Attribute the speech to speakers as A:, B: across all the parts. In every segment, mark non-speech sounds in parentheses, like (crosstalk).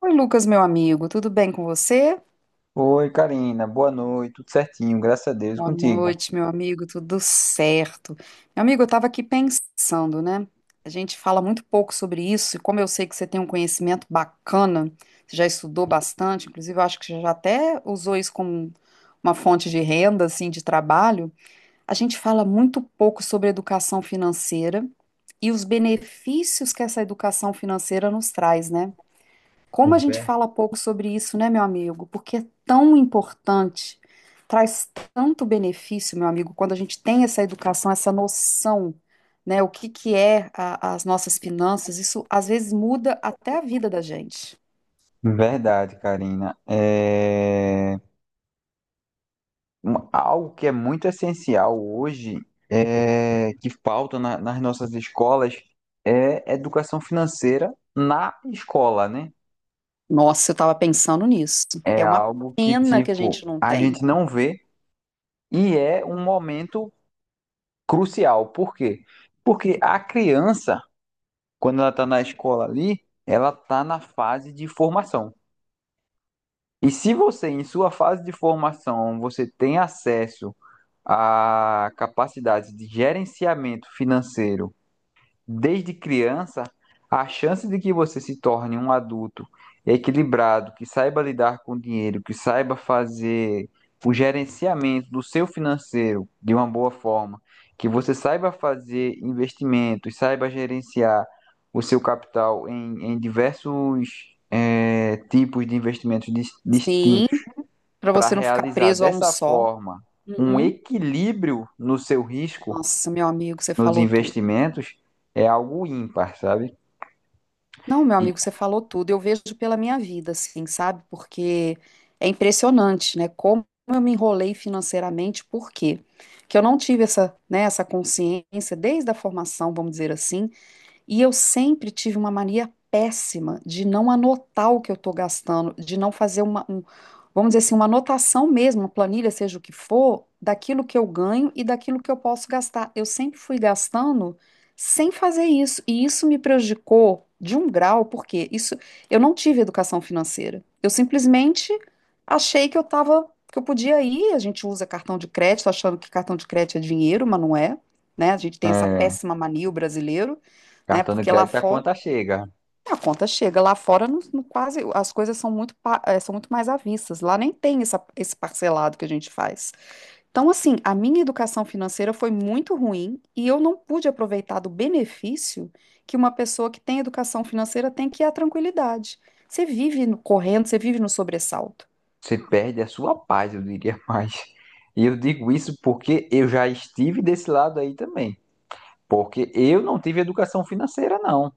A: Oi, Lucas, meu amigo, tudo bem com você?
B: Oi, Karina. Boa noite. Tudo certinho, graças a Deus. E
A: Boa
B: contigo?
A: noite, meu amigo, tudo certo. Meu amigo, eu estava aqui pensando, né? A gente fala muito pouco sobre isso, e como eu sei que você tem um conhecimento bacana, você já estudou bastante, inclusive eu acho que você já até usou isso como uma fonte de renda, assim, de trabalho. A gente fala muito pouco sobre educação financeira e os benefícios que essa educação financeira nos traz, né? Como a gente
B: Ver-
A: fala pouco sobre isso, né, meu amigo? Porque é tão importante, traz tanto benefício, meu amigo, quando a gente tem essa educação, essa noção, né, o que que é as nossas finanças, isso às vezes muda até a vida da gente.
B: Verdade, Karina. Algo que é muito essencial hoje, que falta nas nossas escolas, é educação financeira na escola, né?
A: Nossa, eu estava pensando nisso.
B: É
A: É uma
B: algo que,
A: pena que a gente
B: tipo,
A: não
B: a
A: tem.
B: gente não vê, e é um momento crucial. Por quê? Porque a criança, quando ela está na escola ali, ela está na fase de formação. E se você, em sua fase de formação, você tem acesso a capacidades de gerenciamento financeiro, desde criança, a chance de que você se torne um adulto equilibrado, que saiba lidar com o dinheiro, que saiba fazer o gerenciamento do seu financeiro de uma boa forma, que você saiba fazer investimentos, saiba gerenciar o seu capital em diversos tipos de investimentos
A: Sim,
B: distintos,
A: para
B: para
A: você não ficar
B: realizar
A: preso a um
B: dessa
A: só.
B: forma um
A: Uhum.
B: equilíbrio no seu risco,
A: Nossa, meu amigo, você
B: nos
A: falou tudo.
B: investimentos, é algo ímpar, sabe?
A: Não, meu
B: E,
A: amigo, você falou tudo. Eu vejo pela minha vida, assim, sabe? Porque é impressionante, né? Como eu me enrolei financeiramente, por quê? Porque eu não tive essa, né, essa consciência desde a formação, vamos dizer assim, e eu sempre tive uma mania péssima de não anotar o que eu estou gastando, de não fazer vamos dizer assim, uma anotação mesmo, uma planilha, seja o que for, daquilo que eu ganho e daquilo que eu posso gastar. Eu sempre fui gastando sem fazer isso, e isso me prejudicou de um grau, porque isso, eu não tive educação financeira. Eu simplesmente achei que eu estava, que eu podia ir, a gente usa cartão de crédito, achando que cartão de crédito é dinheiro, mas não é. Né? A gente tem essa
B: É,
A: péssima mania, o brasileiro, né?
B: cartão de
A: Porque lá
B: crédito a
A: fora
B: conta chega.
A: a conta chega, lá fora não quase, as coisas são muito, são muito mais avissas, lá nem tem esse parcelado que a gente faz. Então, assim, a minha educação financeira foi muito ruim e eu não pude aproveitar do benefício que uma pessoa que tem educação financeira tem, que é a tranquilidade. Você vive correndo, você vive no sobressalto.
B: Você perde a sua paz, eu diria (laughs) mais. E eu digo isso porque eu já estive desse lado aí também. Porque eu não tive educação financeira, não.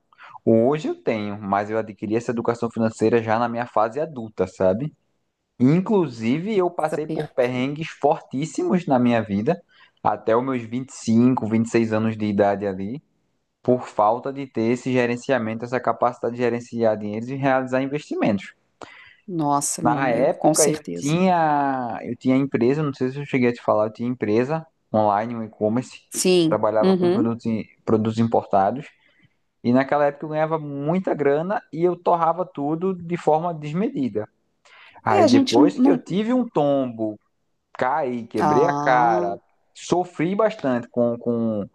B: Hoje eu tenho, mas eu adquiri essa educação financeira já na minha fase adulta, sabe? Inclusive, eu
A: Nossa,
B: passei por
A: perfeito.
B: perrengues fortíssimos na minha vida, até os meus 20, 25, 26 anos de idade ali, por falta de ter esse gerenciamento, essa capacidade de gerenciar dinheiros e realizar investimentos.
A: Nossa, meu
B: Na
A: amigo, com
B: época eu
A: certeza.
B: tinha, eu tinha empresa, não sei se eu cheguei a te falar. Eu tinha empresa online, um e-commerce,
A: Sim.
B: trabalhava com
A: Uhum.
B: produtos, produtos importados, e naquela época eu ganhava muita grana e eu torrava tudo de forma desmedida.
A: É,
B: Aí
A: a gente não,
B: depois que eu
A: não.
B: tive um tombo, caí, quebrei a
A: Ah,
B: cara, sofri bastante com, com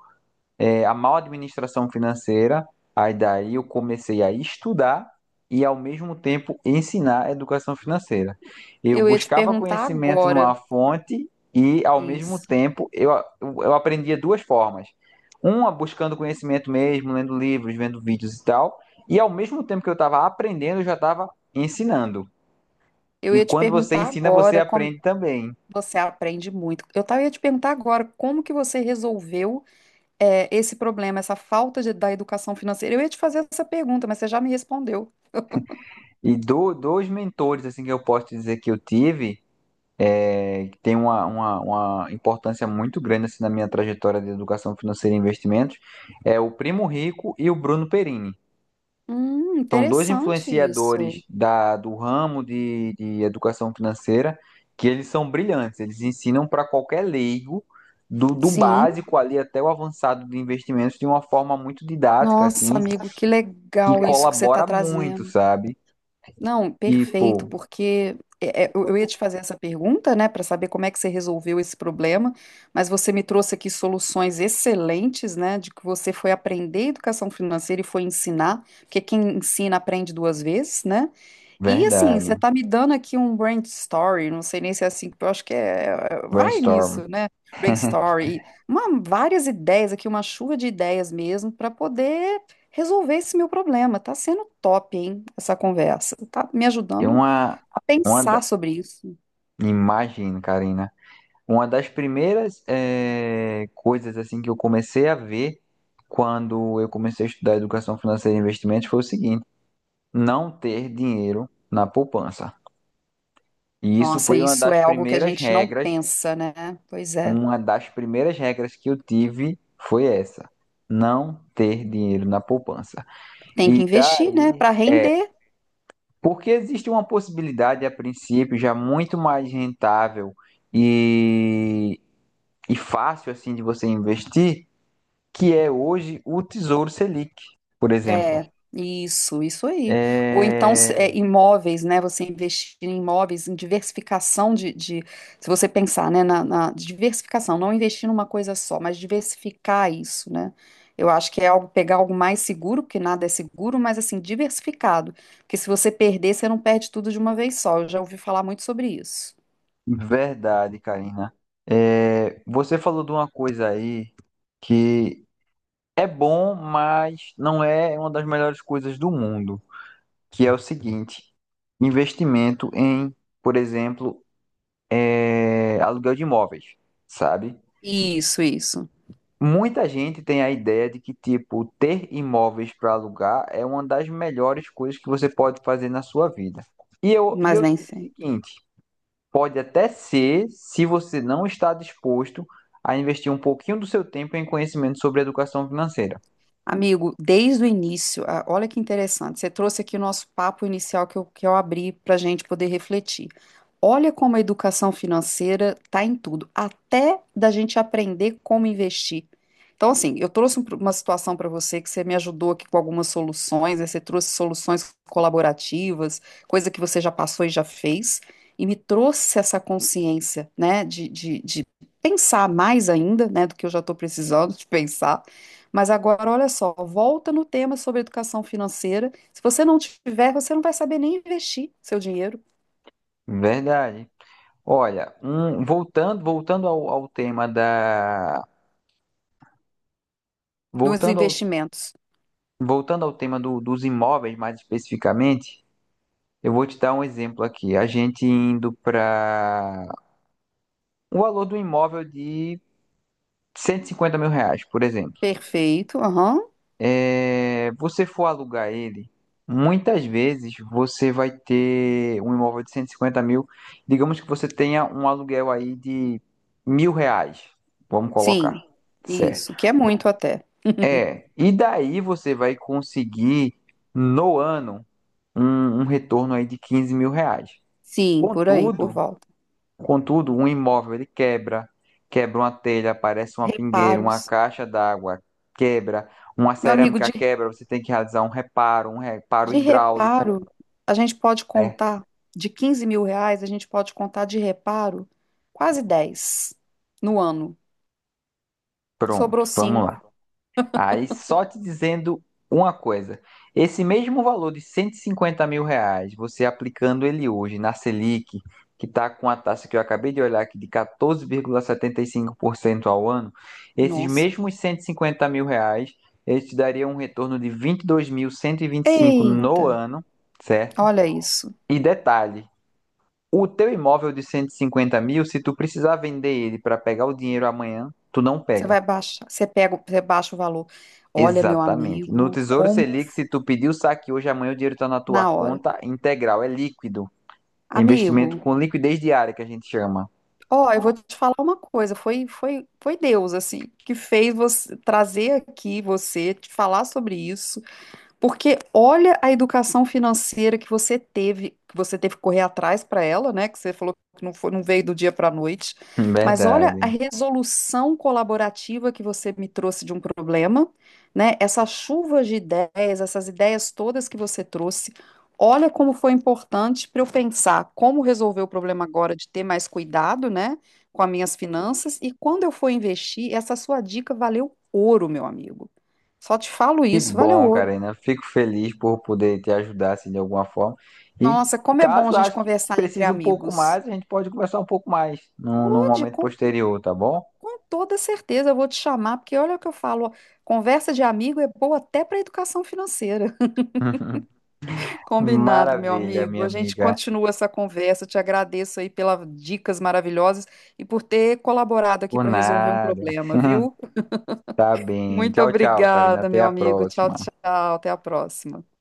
B: é, a má administração financeira. Aí daí eu comecei a estudar e, ao mesmo tempo, ensinar a educação financeira. Eu
A: eu ia te
B: buscava
A: perguntar
B: conhecimento numa
A: agora
B: fonte e, ao mesmo
A: isso.
B: tempo, eu aprendia duas formas. Uma, buscando conhecimento mesmo, lendo livros, vendo vídeos e tal, e ao mesmo tempo que eu estava aprendendo, eu já estava ensinando.
A: Eu
B: E
A: ia te
B: quando você
A: perguntar
B: ensina, você
A: agora como
B: aprende também.
A: você aprende muito. Ia te perguntar agora como que você resolveu, esse problema, essa falta da educação financeira. Eu ia te fazer essa pergunta, mas você já me respondeu.
B: E dois mentores assim que eu posso dizer que eu tive, que tem uma importância muito grande assim, na minha trajetória de educação financeira e investimentos, é o Primo Rico e o Bruno Perini. São dois
A: Interessante isso.
B: influenciadores do ramo de educação financeira, que eles são brilhantes. Eles ensinam para qualquer leigo, do
A: Sim.
B: básico ali até o avançado de investimentos, de uma forma muito didática,
A: Nossa,
B: assim,
A: amigo, que
B: que
A: legal isso que você está
B: colabora muito,
A: trazendo.
B: sabe?
A: Não, perfeito,
B: Tipo,
A: porque eu ia te fazer essa pergunta, né, para saber como é que você resolveu esse problema, mas você me trouxe aqui soluções excelentes, né, de que você foi aprender educação financeira e foi ensinar, porque quem ensina aprende duas vezes, né? E assim, você
B: verdade,
A: tá me dando aqui um brain story, não sei nem se é assim, eu acho que vai
B: brainstorm.
A: nisso, né? Brain story, uma, várias ideias aqui, uma chuva de ideias mesmo para poder resolver esse meu problema. Tá sendo top, hein, essa conversa. Tá me
B: É
A: ajudando
B: uma,
A: a
B: uma da-
A: pensar sobre isso.
B: imagem, Karina. Uma das primeiras coisas assim que eu comecei a ver quando eu comecei a estudar educação financeira e investimentos foi o seguinte: não ter dinheiro na poupança. E isso
A: Nossa,
B: foi uma
A: isso
B: das
A: é algo que a
B: primeiras
A: gente não
B: regras,
A: pensa, né? Pois é.
B: uma das primeiras regras que eu tive, foi essa: não ter dinheiro na poupança.
A: Tem
B: E
A: que investir, né,
B: daí
A: para
B: é
A: render.
B: porque existe uma possibilidade, a princípio, já muito mais rentável e, e fácil assim de você investir, que é hoje o Tesouro Selic, por exemplo.
A: É, isso aí. Ou então
B: É
A: imóveis, né? Você investir em imóveis, em diversificação se você pensar, né, na diversificação, não investir numa coisa só, mas diversificar isso, né? Eu acho que é algo, pegar algo mais seguro, porque nada é seguro, mas assim, diversificado. Porque se você perder, você não perde tudo de uma vez só. Eu já ouvi falar muito sobre isso.
B: verdade, Karina. Você falou de uma coisa aí que é bom, mas não é uma das melhores coisas do mundo, que é o seguinte: investimento em, por exemplo, aluguel de imóveis, sabe?
A: Isso, isso.
B: Muita gente tem a ideia de que, tipo, ter imóveis para alugar é uma das melhores coisas que você pode fazer na sua vida. E eu, e
A: Mas
B: eu
A: nem
B: digo o
A: sei.
B: seguinte: pode até ser, se você não está disposto a investir um pouquinho do seu tempo em conhecimento sobre educação financeira.
A: Amigo, desde o início, ah, olha que interessante, você trouxe aqui o nosso papo inicial que eu abri para a gente poder refletir. Olha como a educação financeira está em tudo, até da gente aprender como investir. Então, assim, eu trouxe uma situação para você que você me ajudou aqui com algumas soluções, né. Você trouxe soluções colaborativas, coisa que você já passou e já fez, e me trouxe essa consciência, né, de pensar mais ainda, né, do que eu já estou precisando de pensar. Mas agora, olha só, volta no tema sobre educação financeira. Se você não tiver, você não vai saber nem investir seu dinheiro
B: Verdade. Olha, voltando ao tema da,
A: nos
B: voltando ao,
A: investimentos.
B: voltando ao tema do- dos imóveis, mais especificamente, eu vou te dar um exemplo aqui. A gente indo para o valor do imóvel de 150 mil reais, por exemplo.
A: Perfeito, aham.
B: Você for alugar ele, muitas vezes você vai ter um imóvel de 150 mil. Digamos que você tenha um aluguel aí de 1.000 reais. Vamos colocar.
A: Sim,
B: Certo.
A: isso, que é muito até. (laughs)
B: E daí você vai conseguir, no ano, um retorno aí de 15 mil reais.
A: Sim, por aí, por
B: Contudo,
A: volta.
B: Um imóvel ele quebra, quebra uma telha, aparece uma pingueira, uma
A: Reparos.
B: caixa d'água quebra, uma
A: Meu amigo, de,
B: cerâmica quebra, você tem que realizar um reparo
A: de
B: hidráulico,
A: reparo, a gente pode
B: né?
A: contar de 15 mil reais, a gente pode contar de reparo quase 10 no ano.
B: Pronto,
A: Sobrou
B: vamos lá.
A: cinco.
B: Aí só te dizendo uma coisa: esse mesmo valor de 150 mil reais, você aplicando ele hoje na Selic, que está com a taxa que eu acabei de olhar aqui de 14,75% ao ano, esses
A: Nossa.
B: mesmos 150 mil reais, eles te dariam um retorno de 22.125 no
A: Eita,
B: ano, certo?
A: olha isso.
B: E detalhe, o teu imóvel de 150 mil, se tu precisar vender ele para pegar o dinheiro amanhã, tu não
A: Você
B: pega.
A: vai baixar, você pega, você baixa o valor. Olha, meu
B: Exatamente. No
A: amigo,
B: Tesouro
A: como
B: Selic, se tu pedir o saque hoje, amanhã o dinheiro está na tua
A: na hora.
B: conta, integral, é líquido. É
A: Amigo,
B: investimento com liquidez diária, que a gente chama.
A: ó, eu vou te falar uma coisa, foi Deus assim que fez você trazer aqui, você te falar sobre isso. Porque olha a educação financeira que você teve, que você teve que correr atrás para ela, né? Que você falou que não foi, não veio do dia para a noite.
B: (laughs)
A: Mas olha a
B: Verdade.
A: resolução colaborativa que você me trouxe de um problema, né? Essas chuvas de ideias, essas ideias todas que você trouxe. Olha como foi importante para eu pensar como resolver o problema agora de ter mais cuidado, né, com as minhas finanças. E quando eu for investir, essa sua dica valeu ouro, meu amigo. Só te falo
B: Que
A: isso, valeu
B: bom,
A: ouro.
B: Karina. Fico feliz por poder te ajudar assim, de alguma forma. E,
A: Nossa, como é bom a
B: caso
A: gente
B: ache que
A: conversar entre
B: precise um pouco
A: amigos.
B: mais, a gente pode conversar um pouco mais num
A: Pode,
B: momento
A: com,
B: posterior, tá bom?
A: com toda certeza eu vou te chamar, porque olha o que eu falo, ó, conversa de amigo é boa até para educação financeira. (laughs)
B: (laughs)
A: Combinado, meu
B: Maravilha,
A: amigo.
B: minha
A: A gente
B: amiga.
A: continua essa conversa. Eu te agradeço aí pelas dicas maravilhosas e por ter colaborado aqui
B: Por
A: para resolver um
B: nada.
A: problema, viu?
B: Tá bem.
A: Muito
B: Tchau, tchau, Karina.
A: obrigada,
B: Até
A: meu
B: a
A: amigo. Tchau,
B: próxima.
A: tchau. Até a próxima.